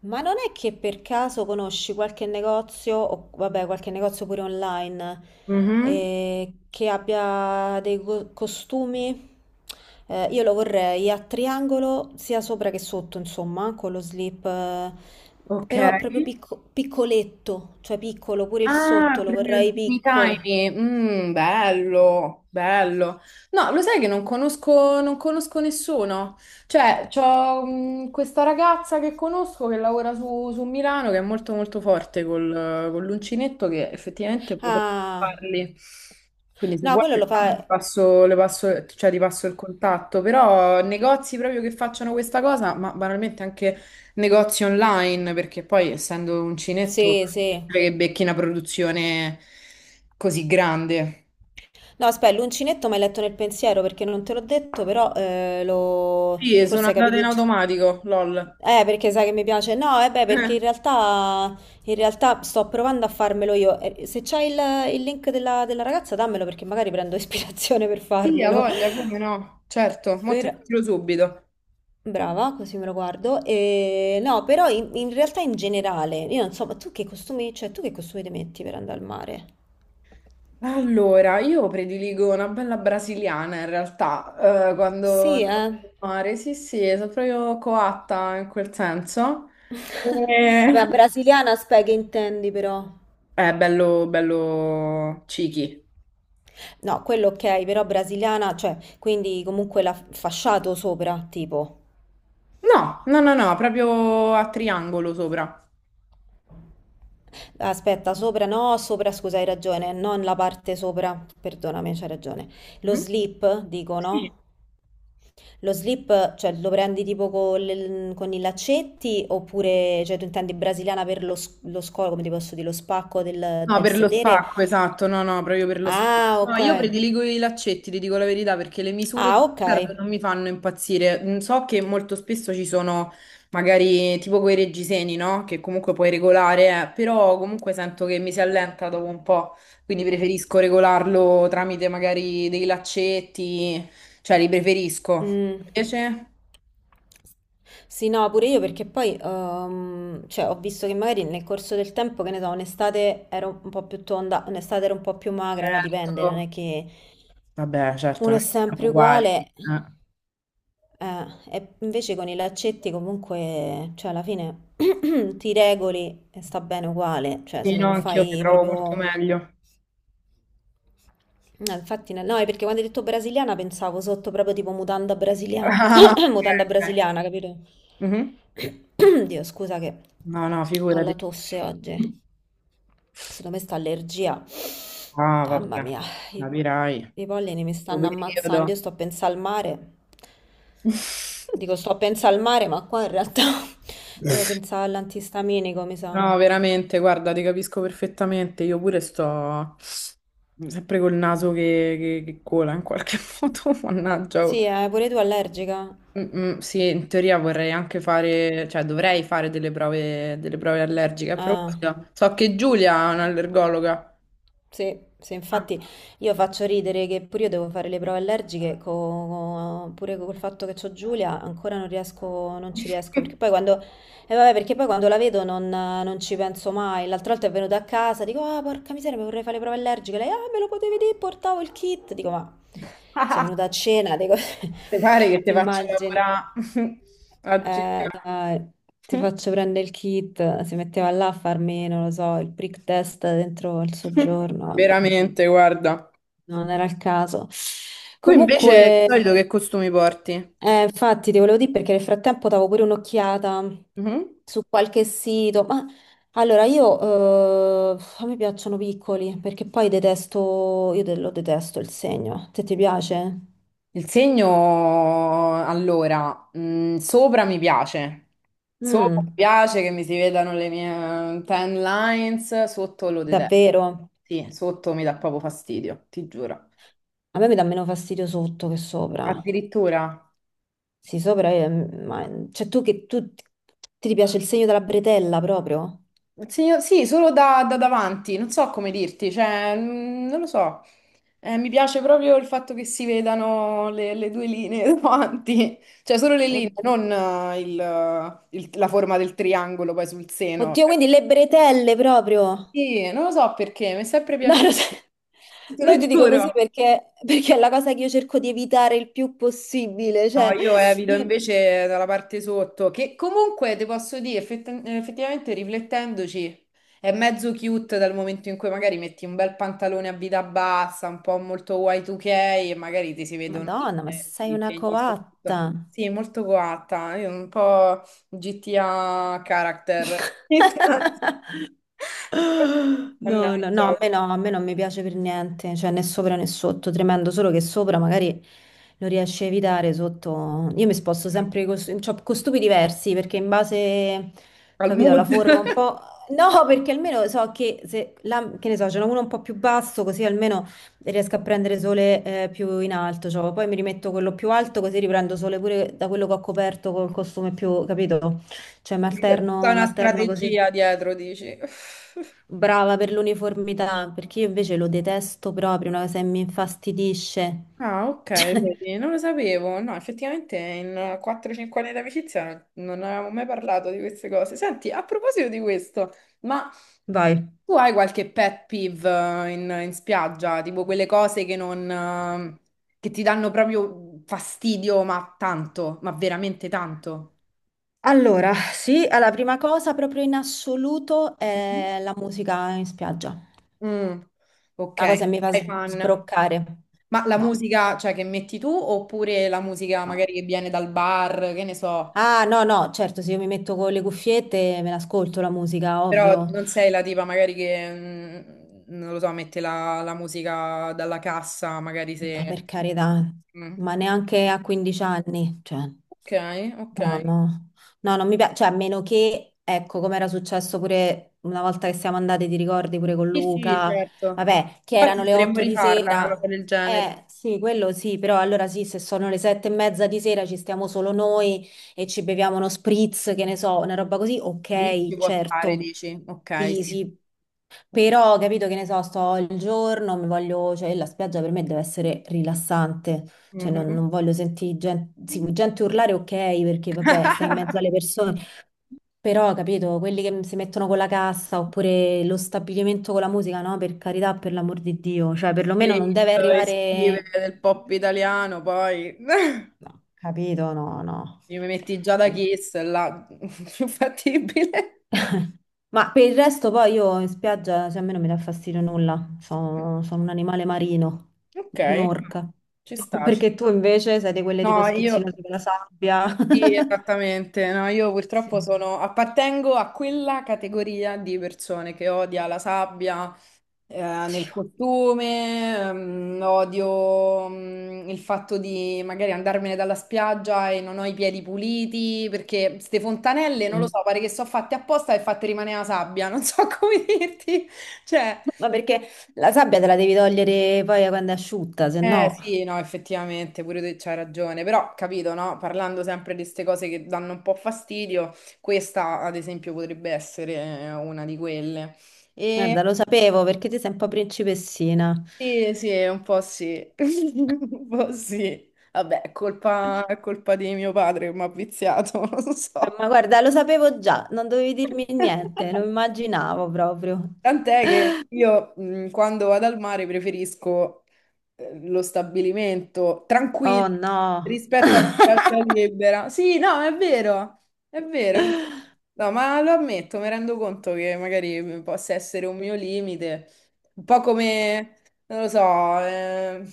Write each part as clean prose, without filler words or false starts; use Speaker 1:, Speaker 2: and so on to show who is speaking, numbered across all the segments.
Speaker 1: Ma non è che per caso conosci qualche negozio, o vabbè, qualche negozio pure online,
Speaker 2: Mhm.
Speaker 1: che abbia dei costumi? Io lo vorrei a triangolo, sia sopra che sotto, insomma, con lo slip,
Speaker 2: Ok.
Speaker 1: però proprio piccoletto, cioè piccolo, pure il
Speaker 2: Ah,
Speaker 1: sotto lo
Speaker 2: proprio
Speaker 1: vorrei
Speaker 2: tutti i
Speaker 1: piccolo.
Speaker 2: timing. Mm, bello, bello. No, lo sai che non conosco, non conosco nessuno. Cioè, c'ho questa ragazza che conosco che lavora su Milano che è molto molto forte con l'uncinetto che effettivamente potrebbe
Speaker 1: Ah,
Speaker 2: farli. Quindi se
Speaker 1: no,
Speaker 2: vuoi
Speaker 1: quello
Speaker 2: per
Speaker 1: lo
Speaker 2: caso, ti
Speaker 1: fa...
Speaker 2: passo, cioè, ti passo il contatto, però negozi proprio che facciano questa cosa, ma banalmente anche negozi online, perché poi essendo uncinetto
Speaker 1: Sì, sì.
Speaker 2: che becchi una produzione così grande.
Speaker 1: No, aspetta, l'uncinetto mi hai letto nel pensiero perché non te l'ho detto, però lo...
Speaker 2: Sì, e sono
Speaker 1: forse hai
Speaker 2: andata
Speaker 1: capito...
Speaker 2: in
Speaker 1: unci-
Speaker 2: automatico, lol.
Speaker 1: Perché sai che mi piace? No, eh beh,
Speaker 2: Eh.
Speaker 1: perché in realtà sto provando a farmelo io. Se c'hai il link della ragazza, dammelo perché magari prendo ispirazione per
Speaker 2: Sì, ha
Speaker 1: farmelo.
Speaker 2: voglia, come no? Certo, mo te
Speaker 1: Per-
Speaker 2: lo tiro subito.
Speaker 1: Brava, così me lo guardo. E... No, però in realtà in generale, io non so, ma tu che costumi, cioè tu che costumi ti metti per andare al mare?
Speaker 2: Allora, io prediligo una bella brasiliana in realtà, quando
Speaker 1: Sì,
Speaker 2: andavo
Speaker 1: eh.
Speaker 2: al mare, sì, sì, sono proprio coatta in quel senso. E-
Speaker 1: Vabbè, brasiliana spec intendi però.
Speaker 2: È bello, bello cichi.
Speaker 1: No, quello ok, però brasiliana, cioè, quindi comunque la fasciato sopra, tipo.
Speaker 2: No, no, no, no, proprio a triangolo sopra.
Speaker 1: Aspetta, sopra no, sopra scusa, hai ragione, non la parte sopra, perdonami, c'hai ragione. Lo
Speaker 2: Mhm.
Speaker 1: slip, dico,
Speaker 2: Sì.
Speaker 1: no? Lo slip, cioè, lo prendi tipo con, con i laccetti oppure, cioè, tu intendi brasiliana per lo scolo, come ti posso dire, lo spacco del,
Speaker 2: No,
Speaker 1: del
Speaker 2: per lo
Speaker 1: sedere?
Speaker 2: spacco, esatto, no, no, proprio per lo spacco.
Speaker 1: Ah,
Speaker 2: No,
Speaker 1: ok.
Speaker 2: io prediligo i laccetti, ti dico la verità, perché le misure
Speaker 1: Ah, ok.
Speaker 2: standard non mi fanno impazzire. Mm, so che molto spesso ci sono magari tipo quei reggiseni, no? Che comunque puoi regolare, però comunque sento che mi si allenta dopo un po', quindi preferisco regolarlo tramite magari dei laccetti, cioè li preferisco.
Speaker 1: Mm.
Speaker 2: Invece?
Speaker 1: Sì, no, pure io perché poi cioè, ho visto che magari nel corso del tempo, che ne so, un'estate ero un po' più tonda, un'estate ero un po' più magra, no? Dipende, non
Speaker 2: Certo.
Speaker 1: è che
Speaker 2: Vabbè, certo,
Speaker 1: uno è
Speaker 2: non è che siamo
Speaker 1: sempre
Speaker 2: uguali,
Speaker 1: uguale.
Speaker 2: eh.
Speaker 1: Eh, e invece con i laccetti comunque, cioè alla fine ti regoli e sta bene uguale, cioè se
Speaker 2: Sì, no,
Speaker 1: non
Speaker 2: anch'io mi
Speaker 1: fai
Speaker 2: trovo molto
Speaker 1: proprio
Speaker 2: meglio.
Speaker 1: No, infatti, no, no, è perché quando hai detto brasiliana pensavo sotto proprio tipo mutanda brasiliana.
Speaker 2: Ah,
Speaker 1: Mutanda
Speaker 2: ok.
Speaker 1: brasiliana, capito?
Speaker 2: Mhm.
Speaker 1: Dio, scusa che
Speaker 2: No, no,
Speaker 1: ho la
Speaker 2: figurati.
Speaker 1: tosse oggi. Secondo me sta allergia.
Speaker 2: Ah,
Speaker 1: Mamma
Speaker 2: vabbè,
Speaker 1: mia, i,
Speaker 2: capirai.
Speaker 1: i pollini mi
Speaker 2: Sto
Speaker 1: stanno ammazzando.
Speaker 2: periodo.
Speaker 1: Io sto a pensare al mare. Dico, sto a pensare al mare, ma qua in realtà devo pensare all'antistaminico, mi sa.
Speaker 2: No, veramente, guarda, ti capisco perfettamente. Io pure sto sempre col naso che cola in qualche modo, mannaggia, oh.
Speaker 1: Sì, pure tu allergica?
Speaker 2: Mm, sì, in teoria vorrei anche fare, cioè dovrei fare delle prove allergiche a
Speaker 1: Ah.
Speaker 2: proposito. So che Giulia è un'allergologa.
Speaker 1: Sì, sì,
Speaker 2: Ah.
Speaker 1: infatti io faccio ridere che pure io devo fare le prove allergiche, pure col fatto che c'ho Giulia ancora non riesco, non ci riesco, perché poi quando, vabbè, perché poi quando la vedo non ci penso mai, l'altra volta è venuta a casa, dico, ah, porca miseria, mi vorrei fare le prove allergiche, lei, ah, me lo potevi dire, portavo il kit, dico, ma sei venuta a cena, dico,
Speaker 2: Ti pare che ti
Speaker 1: ti
Speaker 2: faccio
Speaker 1: immagini.
Speaker 2: lavorare a cena?
Speaker 1: Ti faccio prendere il kit, si metteva là a farmi, non lo so, il prick test dentro il soggiorno. Vabbè.
Speaker 2: Veramente, guarda.
Speaker 1: Non era il caso.
Speaker 2: Tu invece di
Speaker 1: Comunque,
Speaker 2: solito che costumi porti?
Speaker 1: infatti, ti volevo dire perché nel frattempo davo pure un'occhiata
Speaker 2: Mhm.
Speaker 1: su qualche sito. Ma allora, io a me piacciono piccoli perché poi detesto, io lo detesto il segno. Te ti piace?
Speaker 2: Il segno, allora, sopra mi
Speaker 1: Mm,
Speaker 2: piace che mi si vedano le mie tan lines, sotto lo detesto.
Speaker 1: davvero?
Speaker 2: Sì, sotto mi dà proprio fastidio, ti giuro.
Speaker 1: A me mi dà meno fastidio sotto che sopra.
Speaker 2: Addirittura.
Speaker 1: Sì, sopra è, ma, cioè tu che tu ti piace il segno della bretella proprio?
Speaker 2: Sì, solo da davanti, non so come dirti, cioè, non lo so. Mi piace proprio il fatto che si vedano le due linee davanti, cioè solo le linee,
Speaker 1: Oddio,
Speaker 2: non la forma del triangolo poi sul seno.
Speaker 1: oddio, quindi le bretelle proprio.
Speaker 2: Sì, non lo so perché, mi è sempre
Speaker 1: No,
Speaker 2: piaciuto,
Speaker 1: lo so.
Speaker 2: te
Speaker 1: No,
Speaker 2: lo
Speaker 1: io ti dico
Speaker 2: giuro.
Speaker 1: così perché è la cosa che io cerco di evitare il più possibile.
Speaker 2: No,
Speaker 1: Cioè,
Speaker 2: io evito
Speaker 1: io-
Speaker 2: invece dalla parte sotto, che comunque ti posso dire, effettivamente riflettendoci, è mezzo cute dal momento in cui magari metti un bel pantalone a vita bassa, un po' molto Y2K e magari ti si vedono
Speaker 1: Madonna, ma sei
Speaker 2: i
Speaker 1: una
Speaker 2: segni sotto.
Speaker 1: coatta.
Speaker 2: Sì, molto coatta, io un po' GTA character.
Speaker 1: No, no,
Speaker 2: Mannaggia,
Speaker 1: no,
Speaker 2: oh,
Speaker 1: a me no, a me non mi piace per niente, cioè né sopra né sotto, tremendo, solo che sopra magari lo riesci a evitare, sotto... Io mi sposto sempre con, cioè, con stupidi diversi, perché in base,
Speaker 2: al
Speaker 1: capito, alla
Speaker 2: mood.
Speaker 1: forma un po'... No, perché almeno so che se, che ne so, ce n'è uno un po' più basso, così almeno riesco a prendere sole più in alto, cioè, poi mi rimetto quello più alto, così riprendo sole pure da quello che ho coperto col costume più, capito? Cioè,
Speaker 2: C'è tutta
Speaker 1: mi
Speaker 2: una
Speaker 1: alterno così.
Speaker 2: strategia dietro, dici.
Speaker 1: Brava per l'uniformità, perché io invece lo detesto proprio, una cosa che mi infastidisce.
Speaker 2: Ah, ok,
Speaker 1: Cioè,
Speaker 2: vedi, non lo sapevo. No, effettivamente in 4-5 anni di amicizia non avevamo mai parlato di queste cose. Senti, a proposito di questo, ma
Speaker 1: Vai.
Speaker 2: tu hai qualche pet peeve in spiaggia? Tipo quelle cose che non, che ti danno proprio fastidio, ma tanto, ma veramente tanto?
Speaker 1: Allora, sì, la prima cosa proprio in assoluto
Speaker 2: Mhm.
Speaker 1: è la musica in spiaggia. Una
Speaker 2: Mm, ok,
Speaker 1: cosa che mi fa
Speaker 2: sei fan.
Speaker 1: sbroccare.
Speaker 2: Ma la
Speaker 1: No,
Speaker 2: musica, cioè, che metti tu oppure la musica
Speaker 1: no.
Speaker 2: magari che viene dal bar, che ne so?
Speaker 1: Ah, no, no, certo, se io mi metto con le cuffiette me l'ascolto la musica,
Speaker 2: Però
Speaker 1: ovvio.
Speaker 2: non sei la tipa magari non lo so, mette la musica dalla cassa, magari
Speaker 1: No,
Speaker 2: se...
Speaker 1: per carità,
Speaker 2: Mm.
Speaker 1: ma neanche a 15 anni, cioè,
Speaker 2: Ok, ok.
Speaker 1: no, no, no, non mi piace, cioè, a meno che, ecco, come era successo pure una volta che siamo andati, ti ricordi, pure con
Speaker 2: Sì, sì,
Speaker 1: Luca,
Speaker 2: certo.
Speaker 1: vabbè, che
Speaker 2: Infatti
Speaker 1: erano le
Speaker 2: dovremmo
Speaker 1: 8 di
Speaker 2: rifarla, una cosa
Speaker 1: sera,
Speaker 2: del genere.
Speaker 1: sì, quello sì, però allora sì, se sono le 7 e mezza di sera ci stiamo solo noi e ci beviamo uno spritz, che ne so, una roba così,
Speaker 2: Lì ci
Speaker 1: ok,
Speaker 2: può stare,
Speaker 1: certo,
Speaker 2: dici. Ok,
Speaker 1: sì,
Speaker 2: sì.
Speaker 1: sì, però, capito che ne so, sto il giorno, mi voglio, cioè la spiaggia per me deve essere rilassante, cioè non,
Speaker 2: Mhm.
Speaker 1: non voglio sentire gente, sì, gente urlare, ok, perché vabbè, stai in mezzo alle persone, però, capito, quelli che si mettono con la cassa oppure lo stabilimento con la musica, no, per carità, per l'amor di Dio, cioè
Speaker 2: Le
Speaker 1: perlomeno non
Speaker 2: hit
Speaker 1: deve
Speaker 2: estive
Speaker 1: arrivare...
Speaker 2: del pop italiano, poi...
Speaker 1: No, capito, no,
Speaker 2: Mi metti già da
Speaker 1: no.
Speaker 2: Kiss, là, più fattibile.
Speaker 1: Ma per il resto poi io in spiaggia, cioè a me non mi dà fastidio nulla, sono un animale marino,
Speaker 2: Ok, no,
Speaker 1: un'orca.
Speaker 2: ci sta, ci
Speaker 1: Perché tu
Speaker 2: sta.
Speaker 1: invece sei di quelle tipo
Speaker 2: No, io...
Speaker 1: schizzinose con la sabbia.
Speaker 2: Sì, esattamente. No, io purtroppo
Speaker 1: Sì.
Speaker 2: sono, appartengo a quella categoria di persone che odia la sabbia, eh, nel
Speaker 1: Oddio.
Speaker 2: costume, odio, il fatto di magari andarmene dalla spiaggia e non ho i piedi puliti, perché ste fontanelle, non lo
Speaker 1: Mm.
Speaker 2: so, pare che sono fatte apposta e fatte rimanere la sabbia, non so come dirti. Cioè,
Speaker 1: Ma perché la sabbia te la devi togliere poi quando è asciutta, se
Speaker 2: eh
Speaker 1: no...
Speaker 2: sì, no, effettivamente, pure tu c'hai ragione, però capito, no? Parlando sempre di queste cose che danno un po' fastidio, questa ad esempio potrebbe essere una di quelle. E
Speaker 1: Guarda, lo sapevo perché ti sei un po' principessina.
Speaker 2: sì, sì, un po' sì, un po' sì. Vabbè, è colpa di mio padre che mi ha viziato, non lo so.
Speaker 1: Ma guarda, lo sapevo già, non dovevi dirmi niente, lo immaginavo proprio.
Speaker 2: Tant'è che io quando vado al mare preferisco lo stabilimento
Speaker 1: Oh
Speaker 2: tranquillo
Speaker 1: no.
Speaker 2: rispetto alla piazza libera. Sì, no, è vero, è vero, è vero. No, ma lo ammetto, mi rendo conto che magari possa essere un mio limite, un po' come, non lo so,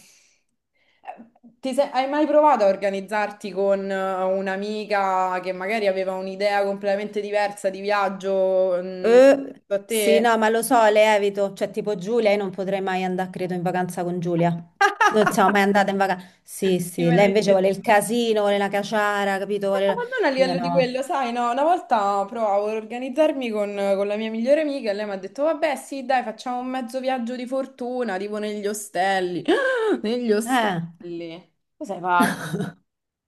Speaker 2: hai mai provato a organizzarti con un'amica che magari aveva un'idea completamente diversa di viaggio, da
Speaker 1: Sì,
Speaker 2: te?
Speaker 1: no, ma lo so, le evito. Cioè, tipo Giulia, io non potrei mai andare, credo, in vacanza con Giulia. Non siamo mai andate in vacanza. Sì,
Speaker 2: Chi
Speaker 1: sì,
Speaker 2: me
Speaker 1: lei
Speaker 2: l'hai
Speaker 1: invece vuole il
Speaker 2: detto?
Speaker 1: casino, vuole la caciara, capito?
Speaker 2: No, ma non a
Speaker 1: Io
Speaker 2: livello di
Speaker 1: no.
Speaker 2: quello, sai, no, una volta provavo ad organizzarmi con la mia migliore amica e lei mi ha detto, vabbè, sì, dai, facciamo un mezzo viaggio di fortuna, tipo negli ostelli. Negli
Speaker 1: Eh,
Speaker 2: ostelli. Tu sei pazza,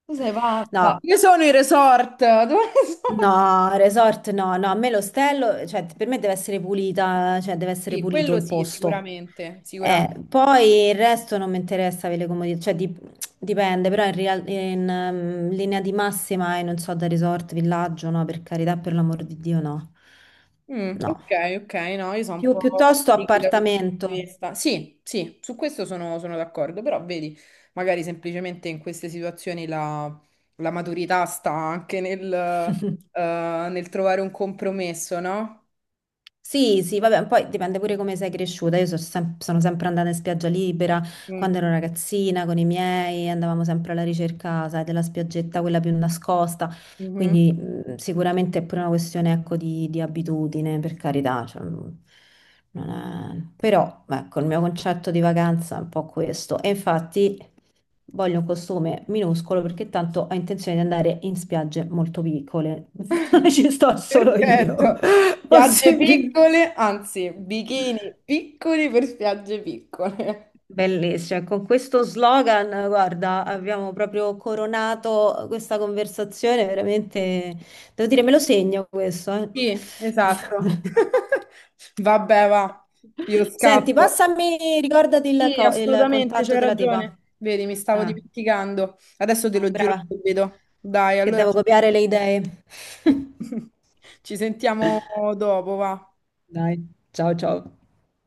Speaker 2: tu sei pazza.
Speaker 1: no.
Speaker 2: Io sono i resort. Dove sono?
Speaker 1: No, resort no, no, a me l'ostello, cioè per me deve essere pulita, cioè deve essere
Speaker 2: Sì,
Speaker 1: pulito
Speaker 2: quello
Speaker 1: il
Speaker 2: sì,
Speaker 1: posto.
Speaker 2: sicuramente, sicuramente.
Speaker 1: Poi il resto non mi interessa avere le comodità, cioè dipende, però in linea di massima, e non so, da resort, villaggio, no, per carità, per l'amor di Dio, no.
Speaker 2: Mm,
Speaker 1: No.
Speaker 2: ok, ok, no, io sono un
Speaker 1: Più,
Speaker 2: po'
Speaker 1: piuttosto
Speaker 2: tricky da quel punto di
Speaker 1: appartamento.
Speaker 2: vista. Sì, sì, su questo sono, sono d'accordo, però vedi, magari semplicemente in queste situazioni la maturità sta anche nel, nel trovare un compromesso, no?
Speaker 1: Sì, sì, vabbè, poi dipende pure come sei cresciuta. Io sono sempre andata in spiaggia libera quando
Speaker 2: Mm,
Speaker 1: ero ragazzina con i miei, andavamo sempre alla ricerca, sai, della spiaggetta, quella più nascosta.
Speaker 2: mhm.
Speaker 1: Quindi sicuramente è pure una questione, ecco, di abitudine, per carità. Cioè, non- non è- Però, ecco, il mio concetto di vacanza è un po' questo. E infatti voglio un costume minuscolo perché tanto ho intenzione di andare in spiagge molto piccole. Ci sto solo io.
Speaker 2: Perfetto. Spiagge
Speaker 1: Possibilmente.
Speaker 2: piccole, anzi, bikini piccoli per spiagge piccole.
Speaker 1: Bellissimo, e con questo slogan, guarda, abbiamo proprio coronato questa conversazione, veramente, devo dire, me lo segno questo, eh.
Speaker 2: Sì, esatto. Vabbè, va, io
Speaker 1: Senti,
Speaker 2: scappo.
Speaker 1: passami, ricordati il,
Speaker 2: Sì,
Speaker 1: co- il
Speaker 2: assolutamente,
Speaker 1: contatto
Speaker 2: c'hai
Speaker 1: della tipa.
Speaker 2: ragione. Vedi, mi stavo
Speaker 1: Ah,
Speaker 2: dimenticando. Adesso te
Speaker 1: no,
Speaker 2: lo giro
Speaker 1: brava,
Speaker 2: subito. Dai,
Speaker 1: che
Speaker 2: allora
Speaker 1: devo copiare le idee.
Speaker 2: ci sentiamo dopo, va.
Speaker 1: Dai, ciao ciao.